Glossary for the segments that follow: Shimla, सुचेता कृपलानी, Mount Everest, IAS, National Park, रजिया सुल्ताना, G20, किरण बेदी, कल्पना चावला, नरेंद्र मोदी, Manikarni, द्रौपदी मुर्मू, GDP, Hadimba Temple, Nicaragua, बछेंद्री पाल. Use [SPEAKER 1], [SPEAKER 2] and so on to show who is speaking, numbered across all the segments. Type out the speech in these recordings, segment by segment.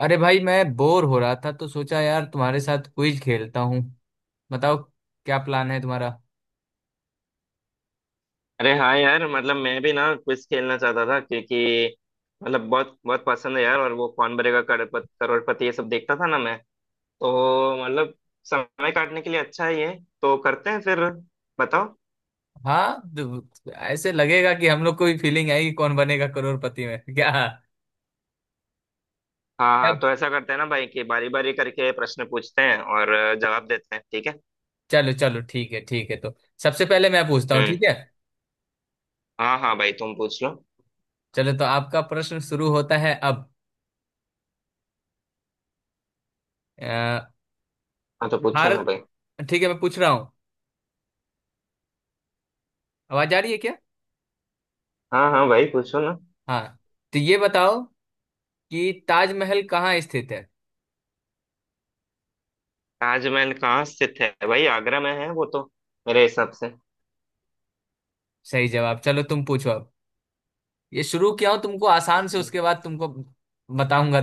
[SPEAKER 1] अरे भाई मैं बोर हो रहा था तो सोचा यार तुम्हारे साथ क्विज खेलता हूँ। बताओ। क्या प्लान है तुम्हारा?
[SPEAKER 2] अरे हाँ यार, मतलब मैं भी ना क्विज खेलना चाहता था क्योंकि मतलब बहुत बहुत पसंद है यार। और वो कौन बनेगा करोड़पति करोड़पति ये सब देखता था ना मैं। तो मतलब समय काटने के लिए अच्छा है ये। तो करते हैं फिर। बताओ।
[SPEAKER 1] हाँ, तो ऐसे लगेगा कि हम लोग को भी फीलिंग आएगी कौन बनेगा करोड़पति में। क्या?
[SPEAKER 2] हाँ
[SPEAKER 1] क्या?
[SPEAKER 2] हाँ, तो ऐसा करते हैं ना भाई कि बारी बारी करके प्रश्न पूछते हैं और जवाब देते हैं, ठीक है।
[SPEAKER 1] चलो चलो, ठीक है ठीक है, तो सबसे पहले मैं पूछता हूँ,
[SPEAKER 2] हम्म।
[SPEAKER 1] ठीक है?
[SPEAKER 2] हाँ हाँ भाई, तुम पूछ लो।
[SPEAKER 1] चलो, तो आपका प्रश्न शुरू होता है अब। अ,
[SPEAKER 2] हाँ तो पूछो ना
[SPEAKER 1] भारत।
[SPEAKER 2] भाई।
[SPEAKER 1] ठीक है, मैं पूछ रहा हूँ। आवाज आ रही है क्या?
[SPEAKER 2] हाँ हाँ भाई, पूछो ना।
[SPEAKER 1] हाँ। तो ये बताओ कि ताजमहल कहाँ स्थित है?
[SPEAKER 2] ताजमहल कहाँ स्थित है भाई, आगरा में है वो तो, मेरे हिसाब से।
[SPEAKER 1] सही जवाब। चलो तुम पूछो अब। ये शुरू किया हूँ तुमको आसान से,
[SPEAKER 2] अच्छा।
[SPEAKER 1] उसके बाद तुमको बताऊंगा।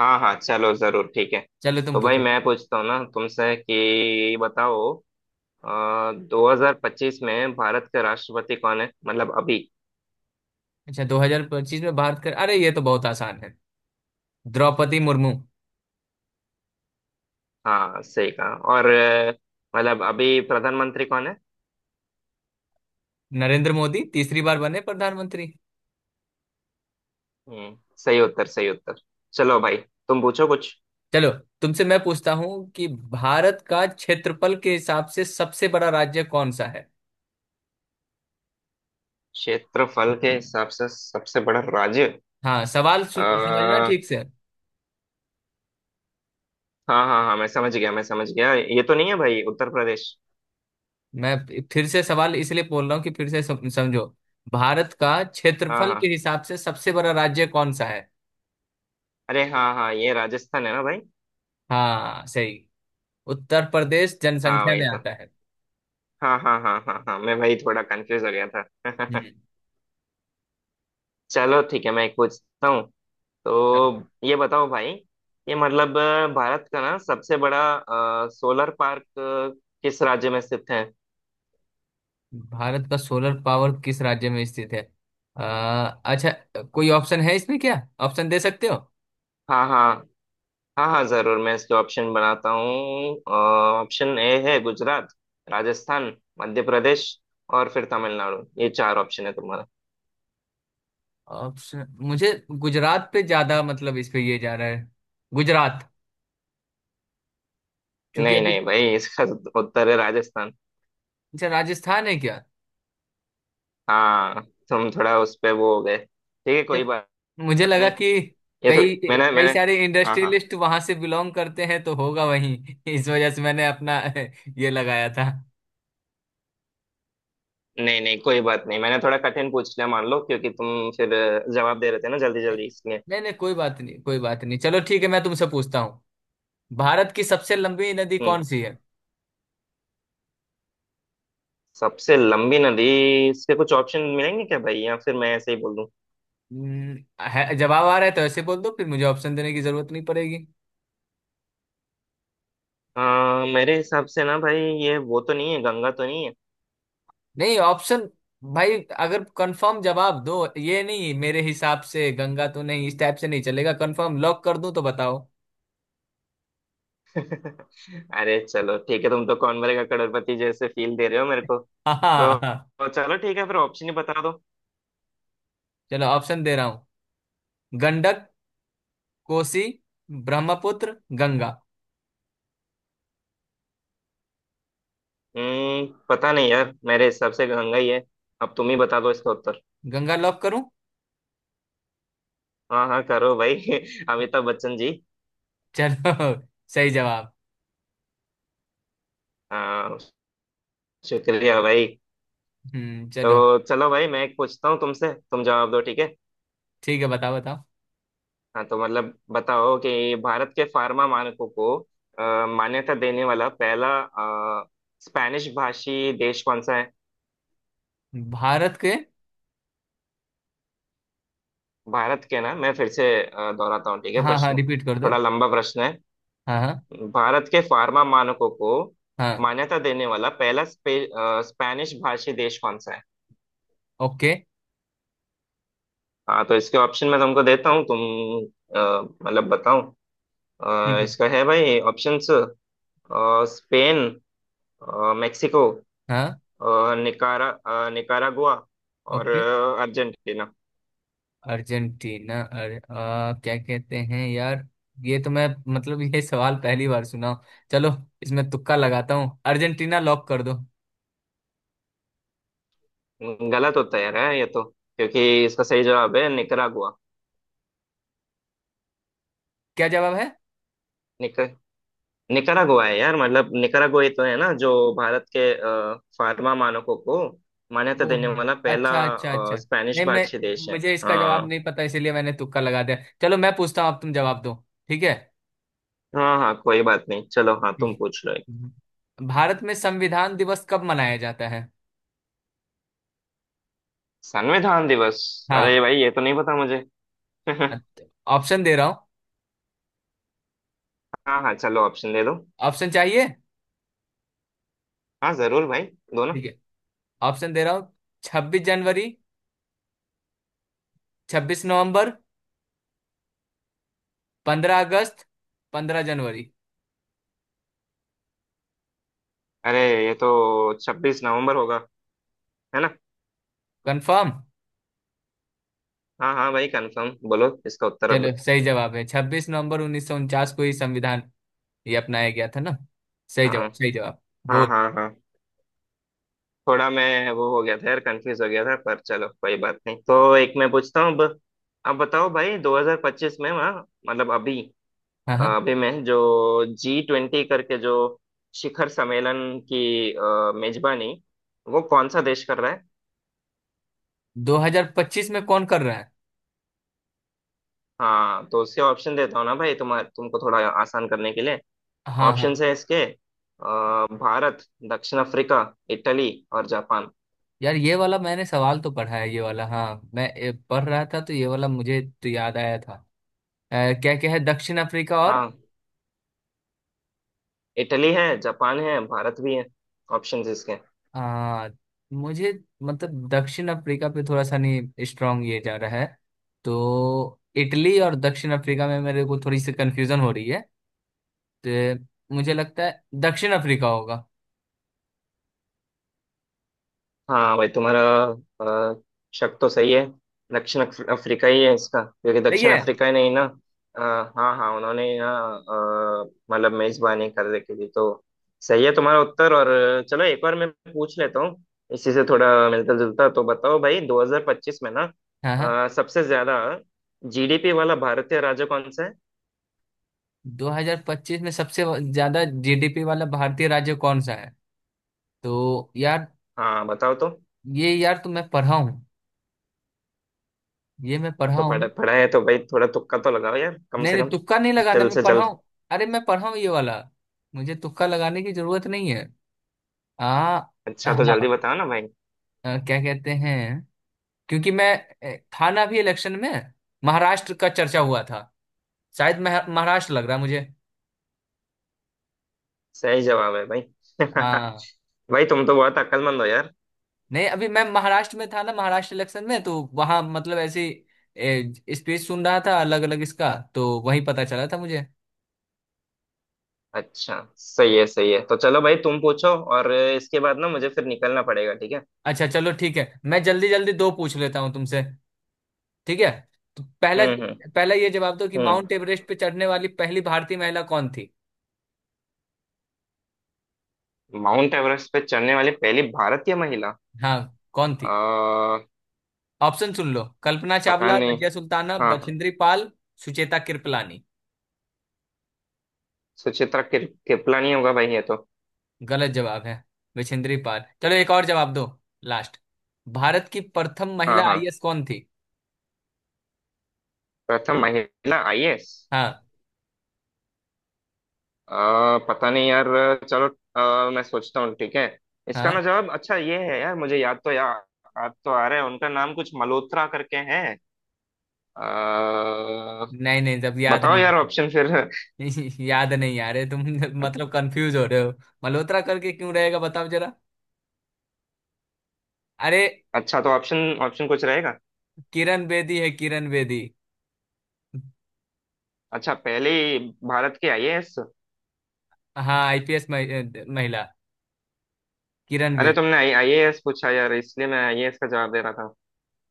[SPEAKER 2] हाँ हाँ चलो जरूर, ठीक है।
[SPEAKER 1] चलो तुम
[SPEAKER 2] तो भाई
[SPEAKER 1] पूछो।
[SPEAKER 2] मैं पूछता हूँ ना तुमसे कि बताओ, 2025 में भारत के राष्ट्रपति कौन है, मतलब अभी।
[SPEAKER 1] अच्छा, 2025 में भारत का, अरे ये तो बहुत आसान है। द्रौपदी मुर्मू।
[SPEAKER 2] हाँ सही कहा। और मतलब अभी प्रधानमंत्री कौन है।
[SPEAKER 1] नरेंद्र मोदी तीसरी बार बने प्रधानमंत्री।
[SPEAKER 2] हम्म सही उत्तर, सही उत्तर। चलो भाई, तुम पूछो कुछ।
[SPEAKER 1] चलो, तुमसे मैं पूछता हूँ कि भारत का क्षेत्रफल के हिसाब से सबसे बड़ा राज्य कौन सा है?
[SPEAKER 2] क्षेत्रफल के हिसाब से सबसे बड़ा राज्य।
[SPEAKER 1] हाँ, सवाल समझना
[SPEAKER 2] आ,
[SPEAKER 1] ठीक से।
[SPEAKER 2] हाँ हाँ हाँ, मैं समझ गया मैं समझ गया, ये तो नहीं है भाई उत्तर प्रदेश।
[SPEAKER 1] मैं फिर से सवाल इसलिए बोल रहा हूँ कि फिर से समझो। भारत का
[SPEAKER 2] हाँ
[SPEAKER 1] क्षेत्रफल के
[SPEAKER 2] हाँ,
[SPEAKER 1] हिसाब से सबसे बड़ा राज्य कौन सा है?
[SPEAKER 2] अरे हाँ हाँ, ये राजस्थान है ना भाई।
[SPEAKER 1] हाँ सही। उत्तर प्रदेश
[SPEAKER 2] हाँ
[SPEAKER 1] जनसंख्या
[SPEAKER 2] वही
[SPEAKER 1] में
[SPEAKER 2] तो।
[SPEAKER 1] आता है।
[SPEAKER 2] हाँ हाँ हाँ हाँ हाँ, मैं वही थोड़ा कंफ्यूज हो गया था। चलो ठीक है, मैं एक पूछता हूँ। तो
[SPEAKER 1] हम्म।
[SPEAKER 2] ये बताओ भाई, ये मतलब भारत का ना सबसे बड़ा सोलर पार्क किस राज्य में स्थित है।
[SPEAKER 1] भारत का सोलर पावर किस राज्य में स्थित है? अ, अच्छा। कोई ऑप्शन है इसमें क्या? ऑप्शन दे सकते हो?
[SPEAKER 2] हाँ हाँ। हाँ हाँ जरूर, मैं इसके ऑप्शन बनाता हूँ। ऑप्शन ए है गुजरात, राजस्थान, मध्य प्रदेश और फिर तमिलनाडु, ये चार ऑप्शन है तुम्हारा।
[SPEAKER 1] ऑप्शन मुझे गुजरात पे ज्यादा, मतलब इस पे ये जा रहा है। गुजरात। क्योंकि
[SPEAKER 2] नहीं
[SPEAKER 1] अभी।
[SPEAKER 2] नहीं भाई, इसका उत्तर है राजस्थान।
[SPEAKER 1] अच्छा, राजस्थान है क्या?
[SPEAKER 2] हाँ। तुम थोड़ा उस पे वो हो गए, ठीक है कोई
[SPEAKER 1] ए,
[SPEAKER 2] बात
[SPEAKER 1] मुझे लगा
[SPEAKER 2] नहीं।
[SPEAKER 1] कि
[SPEAKER 2] ये तो
[SPEAKER 1] कई
[SPEAKER 2] मैंने
[SPEAKER 1] कई
[SPEAKER 2] मैंने
[SPEAKER 1] सारे
[SPEAKER 2] हाँ हाँ,
[SPEAKER 1] इंडस्ट्रियलिस्ट वहां से बिलोंग करते हैं तो होगा वहीं। इस वजह से मैंने अपना ये लगाया था।
[SPEAKER 2] नहीं नहीं कोई बात नहीं, मैंने थोड़ा कठिन पूछ लिया मान लो, क्योंकि तुम फिर जवाब दे रहे थे ना जल्दी जल्दी इसलिए।
[SPEAKER 1] नहीं नहीं, कोई बात नहीं, कोई बात नहीं। चलो ठीक है, मैं तुमसे पूछता हूँ। भारत की सबसे लंबी नदी कौन
[SPEAKER 2] हम्म।
[SPEAKER 1] सी है?
[SPEAKER 2] सबसे लंबी नदी। इसके कुछ ऑप्शन मिलेंगे क्या भाई, या फिर मैं ऐसे ही बोल दूं।
[SPEAKER 1] हम्म, है जवाब आ रहा है तो ऐसे बोल दो, फिर मुझे ऑप्शन देने की जरूरत नहीं पड़ेगी।
[SPEAKER 2] मेरे हिसाब से ना भाई, ये वो तो नहीं है, गंगा तो नहीं है।
[SPEAKER 1] नहीं ऑप्शन भाई, अगर कंफर्म जवाब दो, ये नहीं मेरे हिसाब से गंगा तो नहीं, इस टाइप से नहीं चलेगा। कंफर्म लॉक कर दूं तो बताओ?
[SPEAKER 2] अरे चलो ठीक है, तुम तो कौन बनेगा करोड़पति जैसे फील दे रहे हो मेरे को,
[SPEAKER 1] हाँ
[SPEAKER 2] तो
[SPEAKER 1] हाँ हाँ।
[SPEAKER 2] तो चलो ठीक है फिर ऑप्शन ही बता दो।
[SPEAKER 1] चलो ऑप्शन दे रहा हूँ। गंडक, कोसी, ब्रह्मपुत्र, गंगा।
[SPEAKER 2] पता नहीं यार, मेरे हिसाब से गंगा ही है। अब तुम ही बता दो इसका उत्तर।
[SPEAKER 1] गंगा लॉक करूं?
[SPEAKER 2] हाँ हाँ करो भाई। अमिताभ बच्चन जी।
[SPEAKER 1] चलो, सही जवाब।
[SPEAKER 2] हाँ शुक्रिया भाई।
[SPEAKER 1] हम्म। चलो
[SPEAKER 2] तो चलो भाई, मैं एक पूछता हूँ तुमसे, तुम जवाब दो ठीक है।
[SPEAKER 1] ठीक है, बताओ बताओ।
[SPEAKER 2] हाँ तो मतलब बताओ कि भारत के फार्मा मानकों को मान्यता देने वाला पहला स्पेनिश भाषी देश कौन सा है।
[SPEAKER 1] भारत के।
[SPEAKER 2] भारत के ना, मैं फिर से दोहराता हूँ ठीक है
[SPEAKER 1] हाँ हाँ
[SPEAKER 2] प्रश्न,
[SPEAKER 1] रिपीट कर दो।
[SPEAKER 2] थोड़ा लंबा प्रश्न है।
[SPEAKER 1] हाँ हाँ
[SPEAKER 2] भारत के फार्मा मानकों को
[SPEAKER 1] हाँ।
[SPEAKER 2] मान्यता देने वाला पहला स्पेनिश भाषी देश कौन सा है।
[SPEAKER 1] ओके।
[SPEAKER 2] हाँ तो इसके ऑप्शन मैं तुमको देता हूँ, तुम अ, मतलब बताओ।
[SPEAKER 1] ठीक है,
[SPEAKER 2] इसका है भाई ऑप्शंस। स्पेन, मेक्सिको,
[SPEAKER 1] हाँ।
[SPEAKER 2] निकारागुआ और
[SPEAKER 1] ओके।
[SPEAKER 2] अर्जेंटीना।
[SPEAKER 1] अर्जेंटीना। अरे क्या कहते हैं यार। ये तो मैं, मतलब ये सवाल पहली बार सुना हूं। चलो, इसमें तुक्का लगाता हूँ, अर्जेंटीना लॉक कर दो।
[SPEAKER 2] गलत होता है यार, है ये तो, क्योंकि इसका सही जवाब है निकारागुआ।
[SPEAKER 1] क्या जवाब है?
[SPEAKER 2] निक निकारागुआ है यार, मतलब निकारागुआ ही तो है ना, जो भारत के फार्मा मानकों को मान्यता देने
[SPEAKER 1] ओहो,
[SPEAKER 2] वाला पहला
[SPEAKER 1] अच्छा अच्छा अच्छा।
[SPEAKER 2] स्पेनिश
[SPEAKER 1] नहीं, मैं
[SPEAKER 2] भाषी देश है।
[SPEAKER 1] मुझे इसका जवाब
[SPEAKER 2] हाँ
[SPEAKER 1] नहीं पता, इसीलिए मैंने तुक्का लगा दिया। चलो मैं पूछता हूँ अब, तुम जवाब दो, ठीक है?
[SPEAKER 2] हाँ हाँ कोई बात नहीं, चलो हाँ
[SPEAKER 1] ठीक
[SPEAKER 2] तुम पूछ लो।
[SPEAKER 1] है, भारत में संविधान दिवस कब मनाया जाता है?
[SPEAKER 2] संविधान दिवस। अरे
[SPEAKER 1] हाँ,
[SPEAKER 2] भाई, ये तो नहीं पता मुझे।
[SPEAKER 1] ऑप्शन दे रहा हूँ।
[SPEAKER 2] हाँ हाँ चलो, ऑप्शन दे दो।
[SPEAKER 1] ऑप्शन चाहिए?
[SPEAKER 2] हाँ जरूर भाई। दोनों।
[SPEAKER 1] ठीक है, ऑप्शन दे रहा हूँ। 26 जनवरी, 26 नवंबर, 15 अगस्त, 15 जनवरी।
[SPEAKER 2] अरे ये तो 26 नवंबर होगा, है ना।
[SPEAKER 1] कंफर्म?
[SPEAKER 2] हाँ हाँ भाई कंफर्म, बोलो इसका उत्तर अब।
[SPEAKER 1] चलो, सही जवाब है, 26 नवंबर 1949 को ही संविधान ये अपनाया गया था ना। सही
[SPEAKER 2] हाँ
[SPEAKER 1] जवाब, सही जवाब।
[SPEAKER 2] हाँ
[SPEAKER 1] गुड।
[SPEAKER 2] हाँ हाँ। थोड़ा मैं वो हो गया था यार, कंफ्यूज हो गया था, पर चलो कोई बात नहीं। तो एक मैं पूछता हूँ अब। अब बताओ भाई, 2025 में वहाँ, मतलब अभी,
[SPEAKER 1] हाँ हाँ।
[SPEAKER 2] अभी में जो, जी ट्वेंटी करके जो शिखर सम्मेलन की मेजबानी, वो कौन सा देश कर रहा है।
[SPEAKER 1] 2025 में कौन कर रहा है?
[SPEAKER 2] हाँ तो उसके ऑप्शन देता हूँ ना भाई तुम्हारे, तुमको थोड़ा आसान करने के लिए।
[SPEAKER 1] हाँ हाँ।
[SPEAKER 2] ऑप्शंस है इसके भारत, दक्षिण अफ्रीका, इटली और जापान।
[SPEAKER 1] यार, ये वाला मैंने सवाल तो पढ़ा है, ये वाला। हाँ मैं पढ़ रहा था, तो ये वाला मुझे तो याद आया था। अ, क्या क्या है? दक्षिण अफ्रीका और।
[SPEAKER 2] हाँ, इटली है, जापान है, भारत भी है, ऑप्शंस इसके।
[SPEAKER 1] आ, मुझे, मतलब दक्षिण अफ्रीका पे थोड़ा सा, नहीं, स्ट्रांग ये जा रहा है। तो इटली और दक्षिण अफ्रीका में मेरे को थोड़ी सी कंफ्यूजन हो रही है। तो मुझे लगता है दक्षिण अफ्रीका होगा।
[SPEAKER 2] हाँ भाई तुम्हारा अ, शक तो सही है। दक्षिण अफ्रीका ही है इसका, क्योंकि
[SPEAKER 1] सही
[SPEAKER 2] दक्षिण
[SPEAKER 1] है।
[SPEAKER 2] अफ्रीका ही नहीं ना। अ, हाँ हाँ, उन्होंने ही ना अ, मतलब मेजबानी कर रखी थी, तो सही है तुम्हारा उत्तर। और चलो एक और मैं पूछ लेता हूँ, इसी से थोड़ा मिलता जुलता। तो बताओ भाई, 2025 में ना
[SPEAKER 1] हाँ हाँ।
[SPEAKER 2] सबसे ज्यादा जीडीपी वाला भारतीय राज्य कौन सा है।
[SPEAKER 1] 2025 में सबसे ज्यादा जीडीपी वाला भारतीय राज्य कौन सा है? तो यार,
[SPEAKER 2] हाँ बताओ तो।
[SPEAKER 1] ये यार तो मैं पढ़ा हूँ। ये मैं
[SPEAKER 2] अब
[SPEAKER 1] पढ़ा
[SPEAKER 2] तो पढ़ा
[SPEAKER 1] हूँ।
[SPEAKER 2] पढ़ा है तो भाई, थोड़ा तुक्का तो लगाओ यार कम
[SPEAKER 1] नहीं
[SPEAKER 2] से
[SPEAKER 1] नहीं
[SPEAKER 2] कम,
[SPEAKER 1] तुक्का नहीं लगाना,
[SPEAKER 2] जल्द
[SPEAKER 1] मैं
[SPEAKER 2] से
[SPEAKER 1] पढ़ा
[SPEAKER 2] जल्द।
[SPEAKER 1] हूँ। अरे मैं पढ़ा हूँ ये वाला, मुझे तुक्का लगाने की जरूरत नहीं है। आ
[SPEAKER 2] अच्छा तो जल्दी
[SPEAKER 1] हाँ।
[SPEAKER 2] बताओ ना भाई।
[SPEAKER 1] क्या कहते हैं? क्योंकि मैं था ना अभी इलेक्शन में। महाराष्ट्र का चर्चा हुआ था, शायद महाराष्ट्र लग रहा है मुझे।
[SPEAKER 2] सही जवाब है भाई।
[SPEAKER 1] हाँ।
[SPEAKER 2] भाई तुम तो बहुत अक्लमंद हो यार।
[SPEAKER 1] नहीं, अभी मैं महाराष्ट्र में था ना, महाराष्ट्र इलेक्शन में, तो वहां मतलब ऐसी स्पीच सुन रहा था अलग अलग इसका, तो वही पता चला था मुझे।
[SPEAKER 2] अच्छा सही है, सही है, तो चलो भाई तुम पूछो। और इसके बाद ना मुझे फिर निकलना पड़ेगा, ठीक है।
[SPEAKER 1] अच्छा चलो ठीक है, मैं जल्दी जल्दी दो पूछ लेता हूँ तुमसे, ठीक है? तो पहला।
[SPEAKER 2] हम्म हम्म
[SPEAKER 1] पहला ये जवाब दो कि
[SPEAKER 2] हम्म।
[SPEAKER 1] माउंट एवरेस्ट पे चढ़ने वाली पहली भारतीय महिला कौन थी?
[SPEAKER 2] माउंट एवरेस्ट पे चढ़ने वाली पहली भारतीय महिला।
[SPEAKER 1] हाँ, कौन थी?
[SPEAKER 2] आ,
[SPEAKER 1] ऑप्शन सुन लो। कल्पना
[SPEAKER 2] पता
[SPEAKER 1] चावला,
[SPEAKER 2] नहीं।
[SPEAKER 1] रजिया सुल्ताना,
[SPEAKER 2] हाँ हाँ।
[SPEAKER 1] बछेंद्री पाल, सुचेता कृपलानी।
[SPEAKER 2] सुचित्रा किपला नहीं होगा भाई ये तो।
[SPEAKER 1] गलत जवाब है। बछेंद्री पाल। चलो एक और जवाब दो, लास्ट। भारत की प्रथम
[SPEAKER 2] हाँ
[SPEAKER 1] महिला
[SPEAKER 2] हाँ।
[SPEAKER 1] आईएएस कौन थी?
[SPEAKER 2] प्रथम महिला आईएएस।
[SPEAKER 1] हाँ
[SPEAKER 2] पता नहीं यार। चलो मैं सोचता हूँ ठीक है। इसका
[SPEAKER 1] हाँ।
[SPEAKER 2] ना जवाब, अच्छा ये है यार, मुझे याद तो यार, याद तो आ रहा है उनका नाम, कुछ मल्होत्रा करके है। अ,
[SPEAKER 1] नहीं नहीं, जब याद
[SPEAKER 2] बताओ
[SPEAKER 1] नहीं आ
[SPEAKER 2] यार
[SPEAKER 1] रहा।
[SPEAKER 2] ऑप्शन फिर।
[SPEAKER 1] याद नहीं आ रहे तुम। मतलब कंफ्यूज हो रहे हो? मल्होत्रा करके क्यों रहेगा बताओ जरा? अरे।
[SPEAKER 2] अच्छा तो ऑप्शन ऑप्शन कुछ रहेगा।
[SPEAKER 1] किरण बेदी है, किरण बेदी।
[SPEAKER 2] अच्छा, पहले ही भारत की आईएएस।
[SPEAKER 1] हाँ आईपीएस महिला। किरण
[SPEAKER 2] अरे
[SPEAKER 1] बेदी।
[SPEAKER 2] तुमने आई आईएएस पूछा यार, इसलिए मैं आईएएस का जवाब दे रहा था।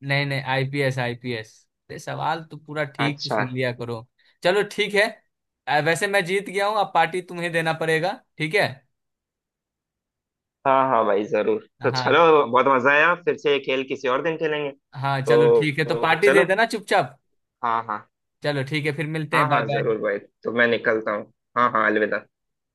[SPEAKER 1] नहीं नहीं, आईपीएस, आईपीएस। अरे, सवाल तो पूरा ठीक से
[SPEAKER 2] अच्छा।
[SPEAKER 1] सुन लिया करो। चलो ठीक है। वैसे मैं जीत गया हूँ, अब पार्टी तुम्हें देना पड़ेगा, ठीक है?
[SPEAKER 2] हाँ हाँ भाई जरूर, तो चलो,
[SPEAKER 1] हाँ
[SPEAKER 2] बहुत मजा आया। फिर से ये खेल किसी और दिन खेलेंगे
[SPEAKER 1] हाँ। चलो
[SPEAKER 2] तो,
[SPEAKER 1] ठीक है, तो
[SPEAKER 2] तो
[SPEAKER 1] पार्टी दे
[SPEAKER 2] चलो।
[SPEAKER 1] देना चुपचाप।
[SPEAKER 2] हाँ हाँ
[SPEAKER 1] चलो ठीक है, फिर मिलते
[SPEAKER 2] हाँ
[SPEAKER 1] हैं। बाय
[SPEAKER 2] हाँ
[SPEAKER 1] बाय।
[SPEAKER 2] जरूर भाई, तो मैं निकलता हूँ। हाँ हाँ अलविदा।